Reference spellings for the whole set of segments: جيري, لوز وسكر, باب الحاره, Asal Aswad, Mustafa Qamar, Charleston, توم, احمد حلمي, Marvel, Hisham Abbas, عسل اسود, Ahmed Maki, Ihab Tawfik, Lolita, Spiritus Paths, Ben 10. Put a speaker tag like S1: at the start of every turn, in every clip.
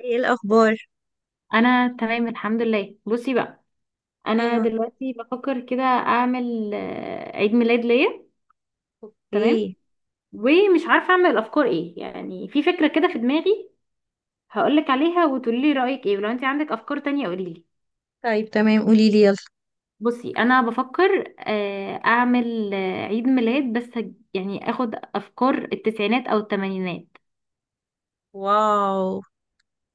S1: ايه الاخبار؟
S2: انا تمام الحمد لله. بصي بقى، انا
S1: ايوه.
S2: دلوقتي بفكر كده اعمل عيد ميلاد ليا. تمام.
S1: اوكي.
S2: ومش عارفه اعمل افكار ايه، يعني في فكره كده في دماغي. هقولك عليها وتقولي لي رايك ايه، ولو انت عندك افكار تانية قولي لي.
S1: طيب، تمام، قولي لي، يلا.
S2: بصي، انا بفكر اعمل عيد ميلاد، بس يعني اخد افكار التسعينات او الثمانينات.
S1: واو.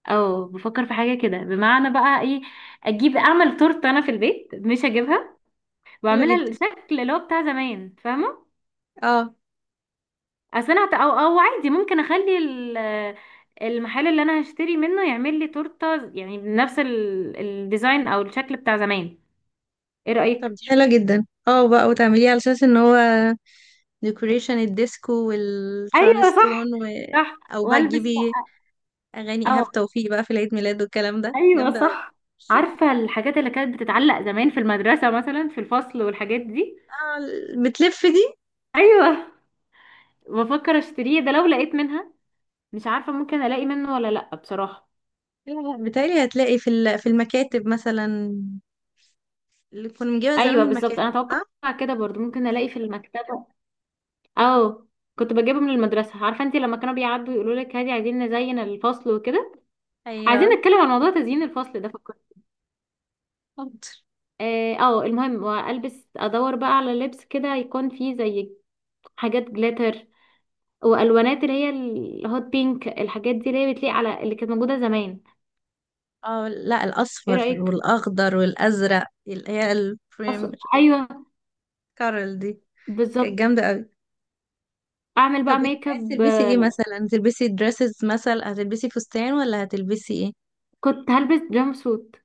S2: او بفكر في حاجه كده، بمعنى بقى ايه. اجيب اعمل تورته انا في البيت مش هجيبها،
S1: حلو
S2: واعملها
S1: جدا،
S2: الشكل اللي هو بتاع زمان، فاهمه.
S1: اه.
S2: اصل انا او عادي ممكن اخلي المحل اللي انا هشتري منه يعمل لي تورته، يعني بنفس الديزاين او الشكل بتاع زمان. ايه
S1: طب،
S2: رايك؟
S1: دي حلوه جدا اه بقى، وتعمليه على اساس ان هو ديكوريشن الديسكو
S2: ايوه صح.
S1: والشارلستون
S2: صح
S1: او بقى
S2: والبس
S1: تجيبي
S2: بقى.
S1: اغاني
S2: اه،
S1: ايهاب توفيق بقى في العيد ميلاد، والكلام ده
S2: ايوه،
S1: جامده قوي.
S2: صح. عارفه الحاجات اللي كانت بتتعلق زمان في المدرسه، مثلا في الفصل والحاجات دي.
S1: اه، بتلف دي.
S2: ايوه. بفكر اشتريه ده لو لقيت منها. مش عارفه ممكن الاقي منه ولا لا، بصراحه.
S1: لا، بتهيألي هتلاقي في المكاتب مثلا، اللي كنا بنجيبها زمان
S2: ايوه
S1: من
S2: بالظبط،
S1: المكاتب،
S2: انا
S1: صح؟
S2: اتوقع كده برضو ممكن الاقي في المكتبه. اه. كنت بجيبه من المدرسة. عارفة انتي لما كانوا بيعدوا يقولوا لك هادي عايزين نزين الفصل وكده، عايزين
S1: ايوه.
S2: نتكلم عن موضوع تزيين الفصل ده، فكرت. اه، المهم والبس ادور بقى على لبس كده يكون فيه زي حاجات جلاتر، والوانات اللي هي الهوت بينك الحاجات دي اللي هي بتليق على اللي كانت موجودة زمان.
S1: اه، لا،
S2: ايه
S1: الاصفر
S2: رأيك؟
S1: والاخضر والازرق اللي هي البريم.
S2: اصلا ايوه.
S1: كارل دي،
S2: بالظبط.
S1: كانت جامده قوي.
S2: اعمل
S1: طب
S2: بقى
S1: ايه
S2: ميك
S1: عايز
S2: اب
S1: تلبسي؟
S2: آه،
S1: ايه مثلا، تلبسي دريسز مثلا، هتلبسي فستان ولا هتلبسي ايه؟
S2: كنت هلبس جامب سوت.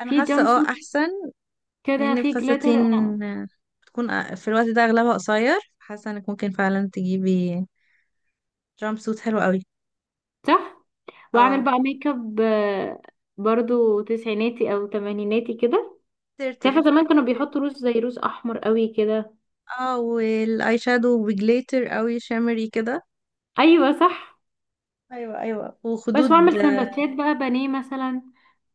S1: انا
S2: في
S1: حاسه
S2: جامب
S1: اه
S2: سوت
S1: احسن.
S2: كده،
S1: لان
S2: في جلاتر
S1: الفساتين
S2: انا.
S1: في الوقت ده اغلبها قصير، حاسه انك ممكن فعلا تجيبي جامب سوت حلو قوي،
S2: صح، واعمل
S1: اه،
S2: بقى ميك اب. برضو تسعيناتي او تمانيناتي كده.
S1: ترتر.
S2: تعرفي زمان كانوا بيحطوا روز زي روز احمر قوي كده.
S1: اه، والاي شادو بجليتر قوي شimmery كده.
S2: ايوه صح.
S1: ايوه ايوه،
S2: بس،
S1: وخدود.
S2: واعمل سندوتشات بقى بانيه مثلا،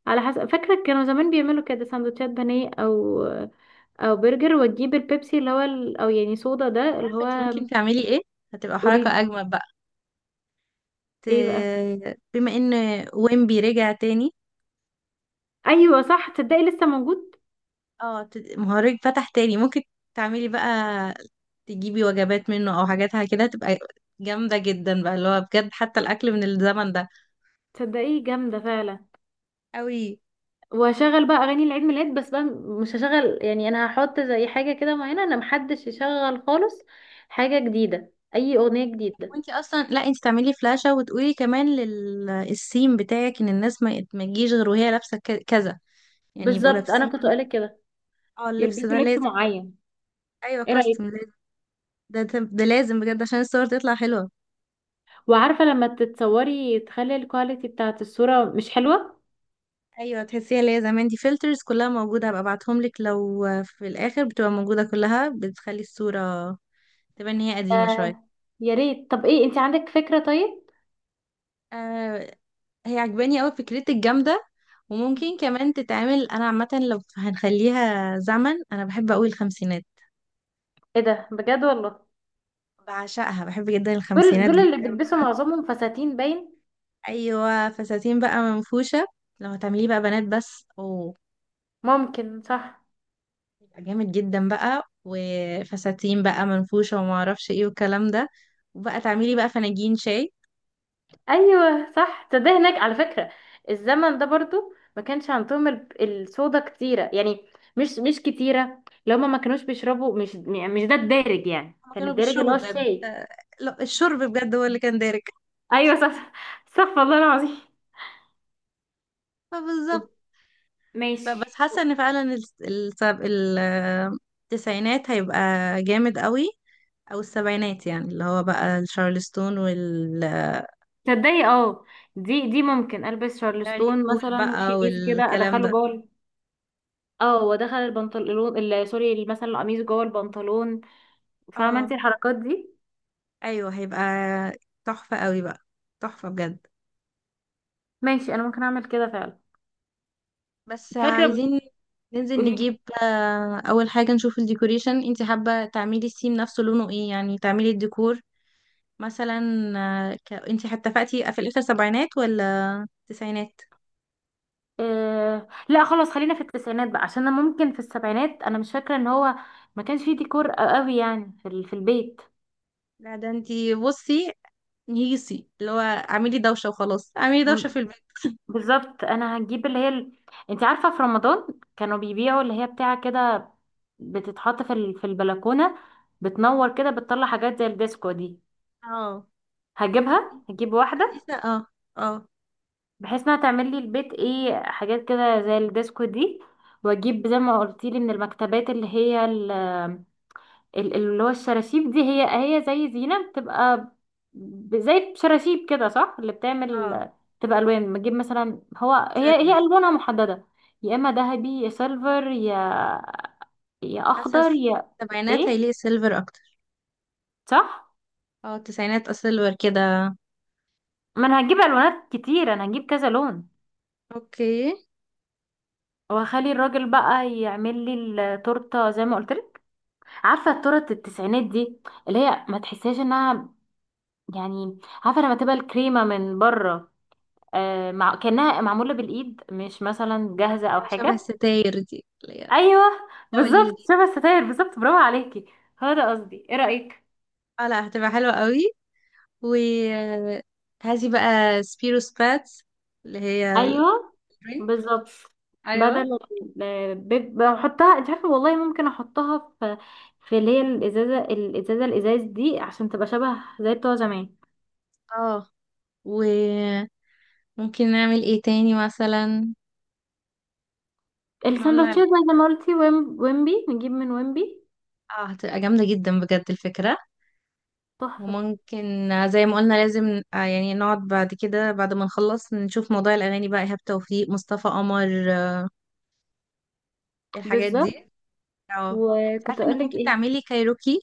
S2: على حسب فاكره كانوا زمان بيعملوا كده سندوتشات بانيه او برجر، وتجيب البيبسي اللي هو او يعني صودا، ده اللي
S1: عارفة انت
S2: هو.
S1: ممكن تعملي ايه؟ هتبقى حركة
S2: قوليلي.
S1: اجمل بقى. ت...
S2: ايه بقى؟
S1: بما ان ويمبي رجع تاني.
S2: ايوه صح، تصدقي لسه موجود.
S1: اه، مهرج فتح تاني، ممكن تعملي بقى، تجيبي وجبات منه او حاجاتها، كده هتبقى جامدة جدا بقى اللي هو بجد، حتى الاكل من الزمن ده،
S2: تصدقي جامده فعلا.
S1: قوي.
S2: واشغل بقى اغاني العيد ميلاد بس بقى. مش هشغل، يعني انا هحط زي حاجه كده معينه، انا محدش يشغل خالص. حاجه جديده اي اغنيه جديده.
S1: وانت اصلا، لا انت تعملي فلاشة، وتقولي كمان للسيم بتاعك ان الناس ما تجيش غير وهي لابسة كذا، يعني يبقوا
S2: بالظبط، انا
S1: لابسين.
S2: كنت قالك كده.
S1: اه، اللبس
S2: يلبسوا
S1: ده
S2: لبس
S1: لازم.
S2: معين.
S1: ايوه،
S2: ايه رايك؟
S1: كاستم لازم. ده لازم بجد عشان الصور تطلع حلوة.
S2: وعارفه لما تتصوري تخلي الكواليتي بتاعه الصوره مش حلوه.
S1: ايوه، تحسيها اللي هي زمان دي، فلترز كلها موجوده هبقى ابعتهم لك، لو في الاخر بتبقى موجوده كلها، بتخلي الصوره تبان ان هي قديمه شويه.
S2: آه. يا ريت. طب ايه، انت عندك فكره طيب؟
S1: آه. هي عجباني قوي، فكرتك جامده. وممكن كمان تتعمل، انا عامه لو هنخليها زمن، انا بحب قوي الخمسينات.
S2: ايه ده؟ بجد والله.
S1: بعشقها، بحب جدا
S2: دول
S1: الخمسينات
S2: دول اللي
S1: جدا
S2: بيلبسوا
S1: بقى.
S2: معظمهم فساتين باين.
S1: ايوه، فساتين بقى منفوشه. لو هتعمليه بقى بنات بس، اوه،
S2: ممكن صح.
S1: يبقى جامد جدا بقى، وفساتين بقى منفوشه، وما اعرفش ايه، والكلام ده. وبقى تعملي بقى فناجين شاي.
S2: ايوه صح، ده هناك على فكره. الزمن ده برضو ما كانش عندهم الصودا كتيره يعني، مش مش كتيره، لو ما ما كانوش بيشربوا، مش يعني مش ده الدارج، يعني
S1: هما
S2: كان
S1: كانوا
S2: الدارج اللي
S1: بيشربوا
S2: هو
S1: بجد،
S2: الشاي.
S1: لا، الشرب بجد هو اللي كان دارك.
S2: ايوه صح. صح والله العظيم.
S1: فبالظبط.
S2: ماشي.
S1: بس حاسه ان فعلا الس- السب... ال- آه، التسعينات هيبقى جامد قوي. او السبعينات، يعني اللي هو بقى الشارلستون وال آه،
S2: تصدقي اه، دي ممكن البس
S1: داري
S2: شارلستون
S1: كول
S2: مثلا
S1: بقى
S2: وشيميس كده
S1: والكلام
S2: ادخله
S1: ده.
S2: جوه اه، وادخل البنطلون سوري، مثلا القميص جوه البنطلون. فاهمه انت
S1: اه،
S2: الحركات دي؟
S1: ايوه، هيبقى تحفه قوي بقى، تحفه بجد.
S2: ماشي انا ممكن اعمل كده فعلا.
S1: بس
S2: فاكره.
S1: عايزين ننزل
S2: قولي لي.
S1: نجيب اول حاجه، نشوف الديكوريشن، انت حابه تعملي السيم نفسه لونه ايه؟ يعني تعملي الديكور مثلا. انتي اتفقتي في الاخر سبعينات ولا تسعينات؟
S2: إيه، لا خلاص خلينا في التسعينات بقى، عشان انا ممكن في السبعينات انا مش فاكره ان هو ما كانش فيه ديكور قوي، يعني في البيت.
S1: لا ده انتي بصي، نيسي اللي هو اعملي دوشة وخلاص، اعملي دوشة
S2: م-
S1: في البيت.
S2: بالظبط، انا هجيب انت عارفه في رمضان كانوا بيبيعوا اللي هي بتاعه كده، بتتحط في البلكونه، بتنور كده بتطلع حاجات زي الديسكو دي.
S1: اه،
S2: هجيب واحده،
S1: اه، اه.
S2: بحيث انها تعمل لي البيت ايه، حاجات كده زي الديسكو دي. واجيب زي ما قلتي لي من المكتبات اللي هي اللي هو الشراشيب دي هي زي زينة بتبقى، زي شراشيب كده صح اللي بتعمل،
S1: اه،
S2: بتبقى ألوان، بتجيب مثلا هو هي هي
S1: سيلفر.
S2: ألوانها محددة. يا إما ذهبي يا سيلفر، يا
S1: حاسة
S2: أخضر يا،
S1: السبعينات
S2: إيه،
S1: هيليق سيلفر اكتر.
S2: صح.
S1: اه، التسعينات سيلفر كده.
S2: ما أنا هجيب ألوانات كتير، أنا هجيب كذا لون.
S1: اوكي.
S2: وهخلي الراجل بقى يعمل لي التورته زي ما قلت لك. عارفه التورت التسعينات دي؟ اللي هي ما تحسهاش انها، يعني عارفه لما تبقى الكريمه من بره مع كأنها معمولة بالإيد، مش مثلا جاهزة أو
S1: شبه
S2: حاجة.
S1: الستاير دي اللي هي
S2: أيوه
S1: دوليو
S2: بالظبط،
S1: دي.
S2: شبه الستاير بالظبط، برافو عليكي. هو ده قصدي، إيه رأيك؟
S1: اه، لا، هتبقى حلوة قوي. و هذه بقى سبيرو سباتس اللي هي
S2: أيوه
S1: الدرينك.
S2: بالظبط.
S1: ايوه.
S2: بدل بحطها، انت عارفة والله ممكن أحطها في في اللي هي الإزازة الإزاز دي عشان تبقى شبه زي بتوع زمان.
S1: اه، وممكن نعمل ايه تاني مثلا؟ احنا قلنا
S2: السندوتشات
S1: ال-
S2: بقى زي ما قلتي، ويمبي نجيب من ويمبي.
S1: اه، هتبقى جامدة جدا بجد الفكرة.
S2: تحفة.
S1: وممكن زي ما قلنا لازم، يعني نقعد بعد كده، بعد ما نخلص نشوف موضوع الأغاني بقى، إيهاب توفيق، مصطفى قمر، الحاجات
S2: بالظبط.
S1: دي. اه، انت
S2: وكنت
S1: عارفة انك
S2: أقولك
S1: ممكن
S2: إيه؟
S1: تعملي كايروكي.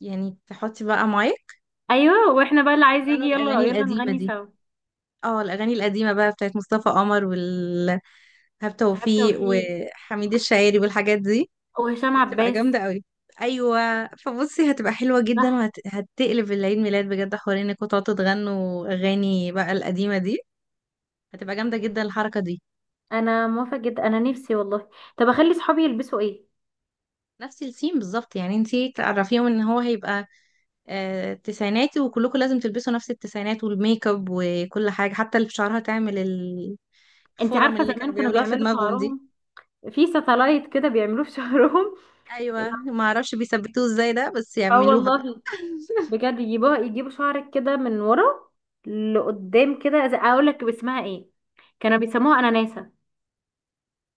S1: يعني تحطي بقى مايك،
S2: أيوه، وإحنا بقى اللي عايز يجي
S1: وتغنوا
S2: يلا
S1: الأغاني
S2: يلا
S1: القديمة
S2: نغني
S1: دي.
S2: سوا.
S1: اه، الأغاني القديمة بقى بتاعت مصطفى قمر وإيهاب
S2: حتى
S1: توفيق
S2: وفي،
S1: وحميد الشاعري، والحاجات دي
S2: وهشام
S1: بتبقى
S2: عباس.
S1: جامدة قوي. ايوه، فبصي هتبقى حلوة جدا.
S2: صح.
S1: وهتقلب العيد ميلاد بجد، حوار انكم تقعدوا تغنوا اغاني بقى القديمة دي، هتبقى جامدة جدا الحركة دي.
S2: انا موافقه جدا، انا نفسي والله. طب اخلي صحابي يلبسوا ايه؟
S1: نفس السيم بالظبط، يعني انتي تعرفيهم ان هو هيبقى تسعيناتي، وكلكم لازم تلبسوا نفس التسعينات والميك اب وكل حاجة، حتى اللي في شعرها تعمل
S2: انت
S1: الفرم
S2: عارفه
S1: اللي كانوا
S2: زمان كانوا
S1: بيعملوها في
S2: بيعملوا
S1: دماغهم دي.
S2: شعرهم في ساتلايت كده بيعملوه في شعرهم.
S1: ايوه، ما اعرفش بيثبتوه ازاي ده، بس
S2: اه
S1: يعملوها بقى.
S2: والله. بجد، يجيبوا شعرك كده من ورا لقدام كده اقول لك اسمها ايه. كانوا بيسموها اناناسه.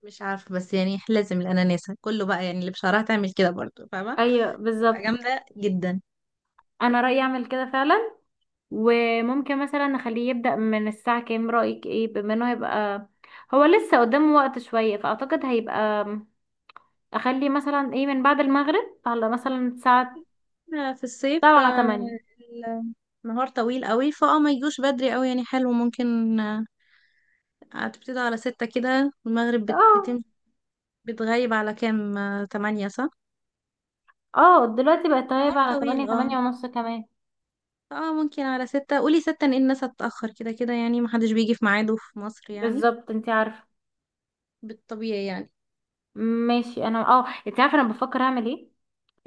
S1: مش عارفة، بس يعني لازم الاناناسة كله بقى، يعني اللي بشعرها تعمل كده برضو، فاهمة؟
S2: ايوه
S1: بتبقى
S2: بالظبط.
S1: جامدة جدا.
S2: انا رايي اعمل كده فعلا. وممكن مثلا نخليه يبدا من الساعه كام، رايك ايه؟ بما انه هيبقى هو لسه قدامه وقت شويه، فاعتقد هيبقى اخلي مثلا ايه من بعد المغرب على مثلا الساعة
S1: في الصيف،
S2: سبعة تمانية
S1: النهار طويل قوي، فاه ما يجوش بدري قوي يعني، حلو ممكن، هتبتدي على 6 كده، المغرب بتم.
S2: اه.
S1: بتغيب على كام؟ 8، صح؟
S2: اه، دلوقتي بقت
S1: نهار
S2: غايبة على
S1: طويل،
S2: 8
S1: اه.
S2: 8 ونص كمان.
S1: اه، ممكن على 6، قولي 6، ان الناس هتتأخر كده كده، يعني محدش بيجي في ميعاده في مصر، يعني
S2: بالظبط انتي عارفة.
S1: بالطبيعي، يعني.
S2: ماشي، انا انتي عارفة انا بفكر اعمل ايه.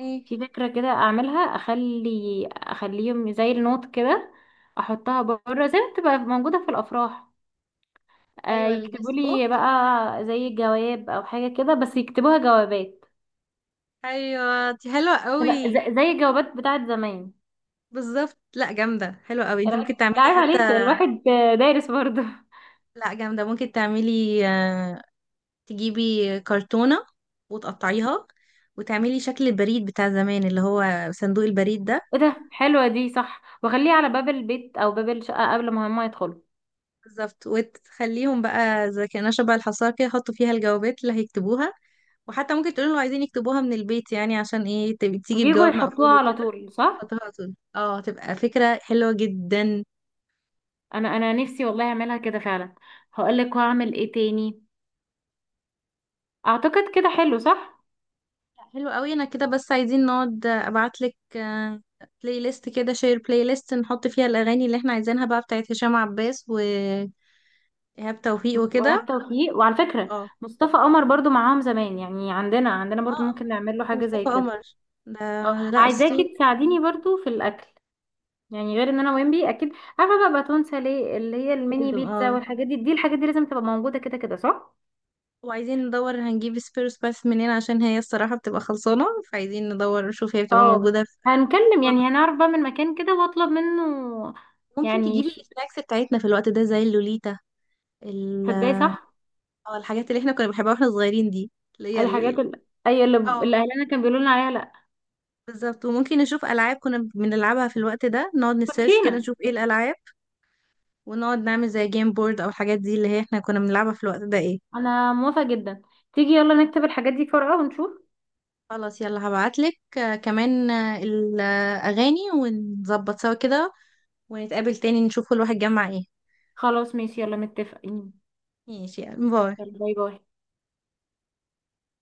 S1: ايه؟
S2: في فكرة كده اعملها، اخليهم زي النوت كده، احطها بره زي ما بتبقى موجودة في الافراح. آه،
S1: ايوه،
S2: يكتبوا
S1: الجيست
S2: لي
S1: بوك.
S2: بقى زي جواب او حاجة كده، بس يكتبوها جوابات.
S1: ايوه، دي حلوه قوي.
S2: لا، زي الجوابات بتاعت زمان.
S1: بالظبط، لا، جامده، حلوه قوي،
S2: لا
S1: انت ممكن
S2: لا،
S1: تعملي
S2: عيب
S1: حتى.
S2: عليكي الواحد دارس برضه.
S1: لا، جامده، ممكن تعملي، تجيبي كرتونة، وتقطعيها، وتعملي شكل البريد بتاع زمان، اللي هو صندوق البريد ده.
S2: ايه ده؟ حلوة دي صح، واخليه على باب البيت او باب الشقة قبل ما هما يدخلوا.
S1: بالظبط، وتخليهم بقى زي كأنها شبه الحصاكة كده يحطوا فيها الجوابات اللي هيكتبوها. وحتى ممكن تقولوا لو عايزين يكتبوها من البيت، يعني عشان ايه تبقي تيجي
S2: يجوا
S1: بجواب
S2: يحطوها
S1: مقفول
S2: على
S1: وكده.
S2: طول، صح.
S1: تحطوها طول، اه، تبقى فكرة حلوة جدا.
S2: انا نفسي والله اعملها كده فعلا. هقولك وهعمل ايه تاني. اعتقد كده حلو، صح؟
S1: حلو قوي، انا كده بس، عايزين نقعد ابعتلك بلاي ليست كده، شير بلاي ليست نحط فيها الاغاني اللي احنا عايزينها بقى، بتاعت هشام عباس وإيهاب توفيق وكده.
S2: وهاب توفيق، وعلى فكرة
S1: اه.
S2: مصطفى قمر برضو معاهم زمان، يعني عندنا برضو
S1: اه،
S2: ممكن نعمل له حاجة
S1: مصطفى
S2: زي كده.
S1: قمر ده.
S2: اه،
S1: لا، السود
S2: عايزاكي تساعديني برضو في الاكل، يعني غير ان انا ويمبي اكيد. عارفه بقى باتون ساليه اللي هي الميني
S1: لازم،
S2: بيتزا
S1: اه.
S2: والحاجات دي. دي الحاجات دي لازم تبقى موجوده كده كده، صح.
S1: وعايزين ندور هنجيب سبيروس باث منين؟ عشان هي الصراحة بتبقى خلصانة، فعايزين ندور نشوف هي بتبقى
S2: اه،
S1: موجودة في أي
S2: هنكلم
S1: فروع
S2: يعني
S1: بالظبط.
S2: هنعرف بقى من مكان كده واطلب منه.
S1: ممكن
S2: يعني
S1: تجيبي السناكس بتاعتنا في الوقت ده زي اللوليتا، ال
S2: تصدقي صح.
S1: اه، الحاجات اللي احنا كنا بنحبها واحنا صغيرين دي، اللي هي
S2: الحاجات ال- اي اللي
S1: اه،
S2: اللي اهلنا كان بيقولوا لنا عليها، لا.
S1: بالظبط، وممكن نشوف ألعاب كنا بنلعبها في الوقت ده، نقعد نسيرش كده
S2: كوتشينه.
S1: نشوف ايه الألعاب، ونقعد نعمل زي جيم بورد أو الحاجات دي اللي هي احنا كنا بنلعبها في الوقت ده، ايه.
S2: انا موافقه جدا. تيجي يلا نكتب الحاجات دي في ورقه ونشوف.
S1: خلاص، يلا، هبعتلك كمان الأغاني، ونظبط سوا كده، ونتقابل تاني نشوف كل واحد جمع ايه.
S2: خلاص ماشي، يلا متفقين.
S1: ماشي، يلا، باي.
S2: يلا، باي باي.